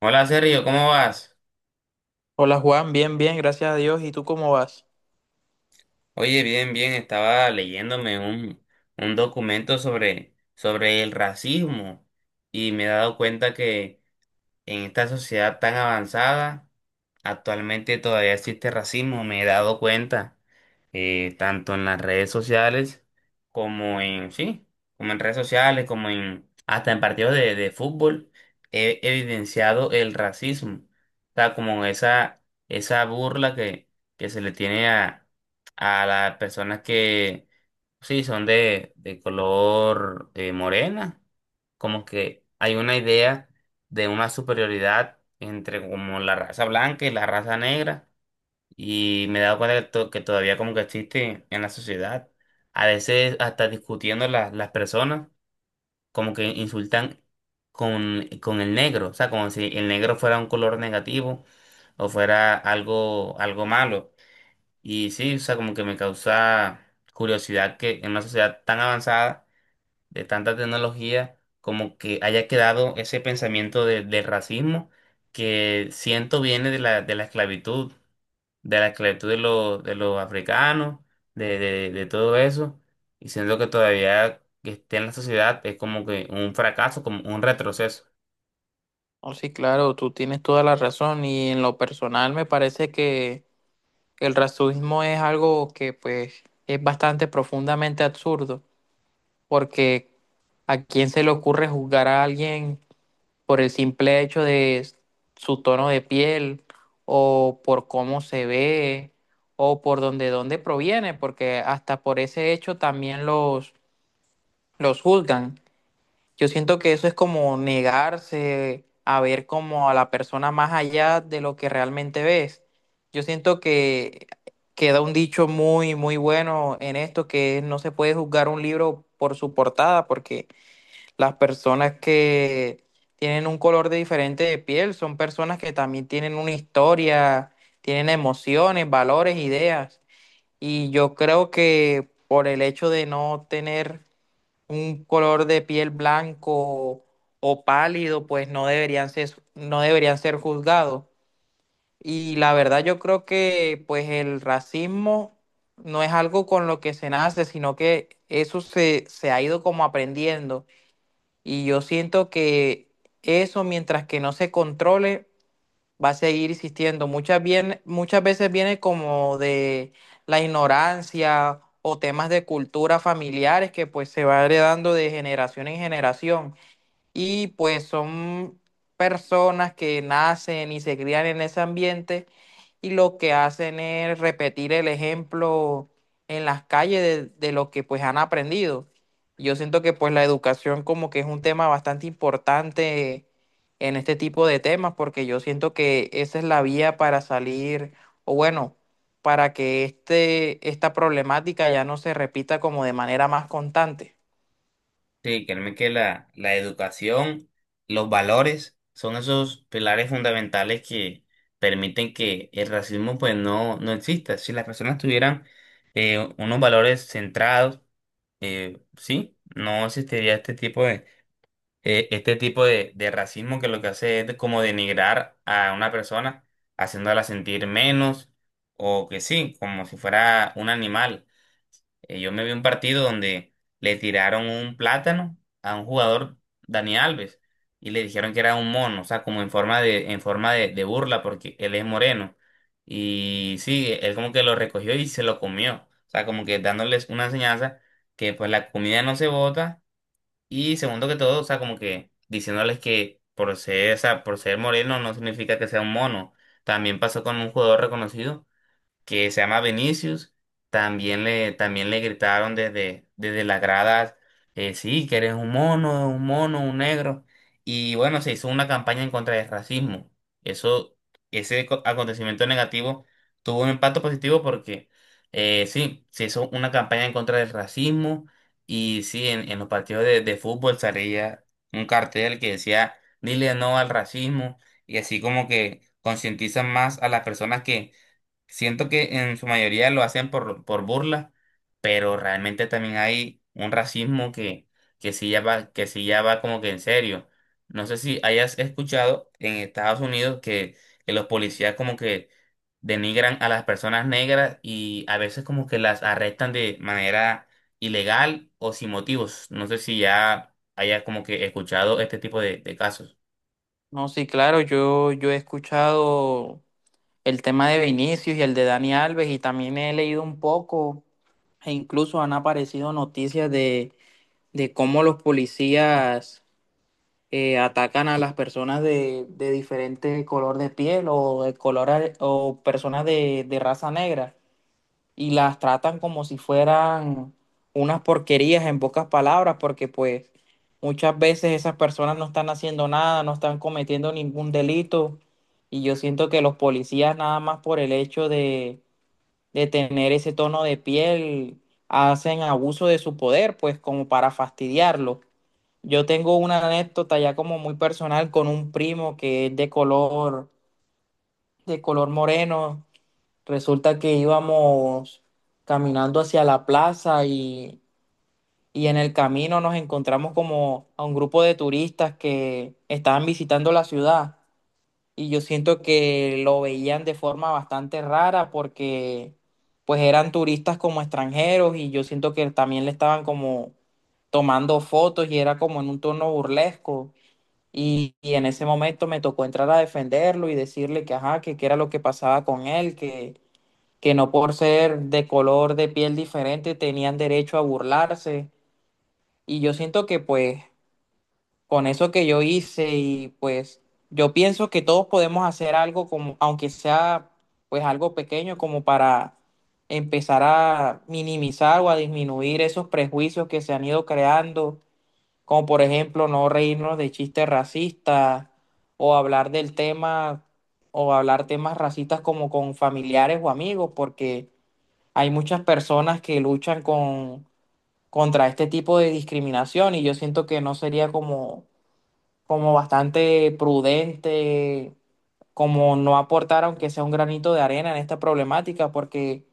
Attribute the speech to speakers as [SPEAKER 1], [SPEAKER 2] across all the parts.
[SPEAKER 1] Hola Sergio, ¿cómo vas?
[SPEAKER 2] Hola Juan, bien, bien, gracias a Dios. ¿Y tú cómo vas?
[SPEAKER 1] Oye, bien, bien, estaba leyéndome un documento sobre el racismo y me he dado cuenta que en esta sociedad tan avanzada actualmente todavía existe racismo, me he dado cuenta, tanto en las redes sociales como sí, como en redes sociales, como en, hasta en partidos de fútbol, he evidenciado el racismo. O sea, como esa burla que se le tiene a las personas que, sí, son de color morena, como que hay una idea de una superioridad entre como la raza blanca y la raza negra y me he dado cuenta que, que todavía como que existe en la sociedad. A veces hasta discutiendo las personas como que insultan con el negro, o sea, como si el negro fuera un color negativo o fuera algo malo. Y sí, o sea, como que me causa curiosidad que en una sociedad tan avanzada de tanta tecnología, como que haya quedado ese pensamiento de racismo que siento viene de de la esclavitud, de la esclavitud de de los africanos, de todo eso, y siento que todavía que esté en la sociedad es como que un fracaso, como un retroceso.
[SPEAKER 2] Oh, sí, claro, tú tienes toda la razón y en lo personal me parece que el racismo es algo que, pues, es bastante profundamente absurdo porque ¿a quién se le ocurre juzgar a alguien por el simple hecho de su tono de piel, o por cómo se ve, o por dónde proviene? Porque hasta por ese hecho también los juzgan. Yo siento que eso es como negarse a ver como a la persona más allá de lo que realmente ves. Yo siento que queda un dicho muy, muy bueno en esto, que no se puede juzgar un libro por su portada, porque las personas que tienen un color de diferente de piel son personas que también tienen una historia, tienen emociones, valores, ideas. Y yo creo que por el hecho de no tener un color de piel blanco o pálido, pues no deberían ser, no deberían ser juzgados. Y la verdad yo creo que pues el racismo no es algo con lo que se nace, sino que eso se ha ido como aprendiendo. Y yo siento que eso, mientras que no se controle, va a seguir existiendo. Muchas veces viene como de la ignorancia o temas de cultura familiares que pues se va heredando de generación en generación, y pues son personas que nacen y se crían en ese ambiente, y lo que hacen es repetir el ejemplo en las calles de lo que pues han aprendido. Yo siento que pues la educación como que es un tema bastante importante en este tipo de temas, porque yo siento que esa es la vía para salir o, bueno, para que esta problemática ya no se repita como de manera más constante.
[SPEAKER 1] Sí, créeme que la educación, los valores son esos pilares fundamentales que permiten que el racismo pues no, no exista. Si las personas tuvieran unos valores centrados, sí, no existiría este tipo de, este tipo de racismo que lo que hace es como denigrar a una persona, haciéndola sentir menos o que sí, como si fuera un animal. Yo me vi un partido donde le tiraron un plátano a un jugador, Dani Alves, y le dijeron que era un mono, o sea, como en forma de, en forma de burla, porque él es moreno. Y sí, él como que lo recogió y se lo comió. O sea, como que dándoles una enseñanza que pues la comida no se bota. Y segundo que todo, o sea, como que diciéndoles que por ser, o sea, por ser moreno no significa que sea un mono. También pasó con un jugador reconocido que se llama Vinicius, también también le gritaron desde las gradas, sí, que eres un mono, un mono, un negro. Y bueno, se hizo una campaña en contra del racismo. Eso, ese acontecimiento negativo tuvo un impacto positivo porque sí, se hizo una campaña en contra del racismo y sí, en los partidos de fútbol salía un cartel que decía, dile no al racismo y así como que concientizan más a las personas que siento que en su mayoría lo hacen por burla, pero realmente también hay un racismo que sí ya va, que sí ya va como que en serio. No sé si hayas escuchado en Estados Unidos que los policías como que denigran a las personas negras y a veces como que las arrestan de manera ilegal o sin motivos. No sé si ya hayas como que escuchado este tipo de casos.
[SPEAKER 2] No, sí, claro, yo he escuchado el tema de Vinicius y el de Dani Alves, y también he leído un poco e incluso han aparecido noticias de cómo los policías atacan a las personas de diferente color de piel o de color o personas de raza negra, y las tratan como si fueran unas porquerías, en pocas palabras, porque pues muchas veces esas personas no están haciendo nada, no están cometiendo ningún delito, y yo siento que los policías nada más por el hecho de tener ese tono de piel hacen abuso de su poder, pues, como para fastidiarlo. Yo tengo una anécdota ya como muy personal con un primo que es de color moreno. Resulta que íbamos caminando hacia la plaza y en el camino nos encontramos como a un grupo de turistas que estaban visitando la ciudad, y yo siento que lo veían de forma bastante rara porque pues eran turistas como extranjeros, y yo siento que también le estaban como tomando fotos y era como en un tono burlesco. Y en ese momento me tocó entrar a defenderlo y decirle que, ajá, que qué era lo que pasaba con él, que no por ser de color de piel diferente tenían derecho a burlarse. Y yo siento que pues, con eso que yo hice, y pues yo pienso que todos podemos hacer algo como, aunque sea pues algo pequeño, como para empezar a minimizar o a disminuir esos prejuicios que se han ido creando, como por ejemplo no reírnos de chistes racistas, o hablar del tema, o hablar temas racistas como con familiares o amigos, porque hay muchas personas que luchan contra este tipo de discriminación, y yo siento que no sería como, como bastante prudente, como no aportar aunque sea un granito de arena en esta problemática, porque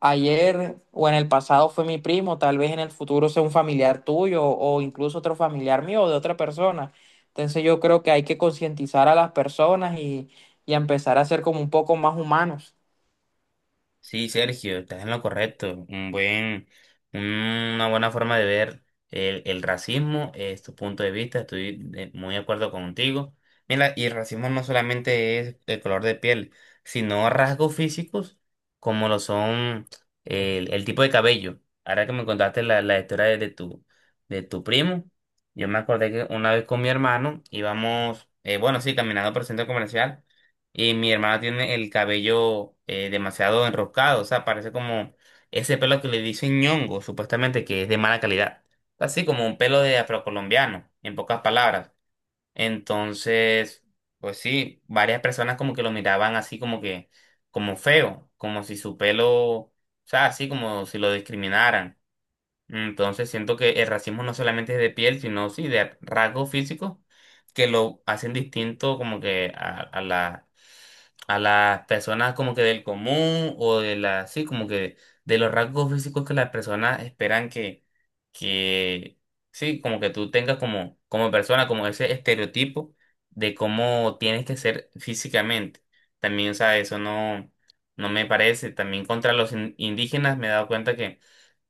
[SPEAKER 2] ayer o en el pasado fue mi primo, tal vez en el futuro sea un familiar tuyo o incluso otro familiar mío o de otra persona. Entonces yo creo que hay que concientizar a las personas y empezar a ser como un poco más humanos.
[SPEAKER 1] Sí, Sergio, estás en lo correcto. Un buen, una buena forma de ver el racismo, es tu punto de vista, muy de acuerdo contigo. Mira, y el racismo no solamente es el color de piel, sino rasgos físicos como lo son el tipo de cabello. Ahora que me contaste la historia de, de tu primo, yo me acordé que una vez con mi hermano íbamos, bueno, sí, caminando por el centro comercial. Y mi hermana tiene el cabello demasiado enroscado, o sea, parece como ese pelo que le dicen ñongo, supuestamente que es de mala calidad. Así como un pelo de afrocolombiano, en pocas palabras. Entonces, pues sí, varias personas como que lo miraban así como que, como feo, como si su pelo, o sea, así como si lo discriminaran. Entonces siento que el racismo no solamente es de piel, sino sí de rasgos físicos que lo hacen distinto como que a la, a las personas como que del común o de la, sí, como que de los rasgos físicos que las personas esperan que, sí, como que tú tengas como, como persona, como ese estereotipo de cómo tienes que ser físicamente. También, o sea, eso no, no me parece. También contra los indígenas me he dado cuenta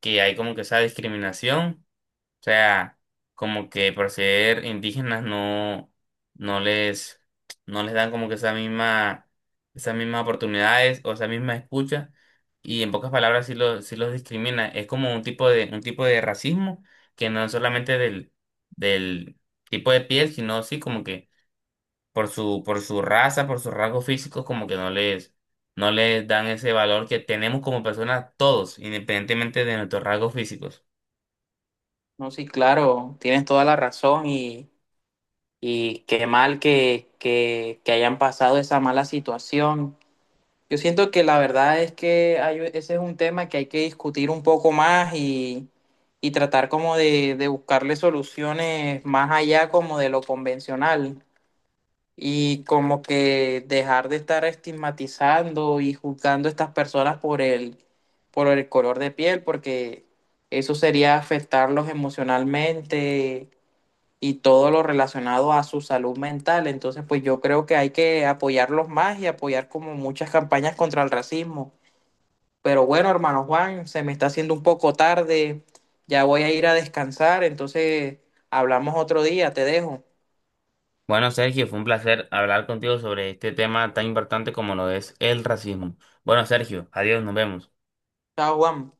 [SPEAKER 1] que hay como que esa discriminación, o sea, como que por ser indígenas no, no les, no les dan como que esa misma, esas mismas oportunidades o esa misma escucha, y en pocas palabras sí los discrimina. Es como un tipo de racismo que no es solamente del tipo de piel, sino sí como que por por su raza, por sus rasgos físicos, como que no les dan ese valor que tenemos como personas todos, independientemente de nuestros rasgos físicos.
[SPEAKER 2] No, sí, claro, tienes toda la razón, y... Y qué mal que hayan pasado esa mala situación. Yo siento que la verdad es que ese es un tema que hay que discutir un poco más y tratar como de buscarle soluciones más allá como de lo convencional, y como que dejar de estar estigmatizando y juzgando a estas personas por el color de piel, porque eso sería afectarlos emocionalmente y todo lo relacionado a su salud mental. Entonces, pues yo creo que hay que apoyarlos más y apoyar como muchas campañas contra el racismo. Pero bueno, hermano Juan, se me está haciendo un poco tarde, ya voy a ir a descansar, entonces hablamos otro día, te dejo.
[SPEAKER 1] Bueno, Sergio, fue un placer hablar contigo sobre este tema tan importante como lo es el racismo. Bueno, Sergio, adiós, nos vemos.
[SPEAKER 2] Chao, Juan.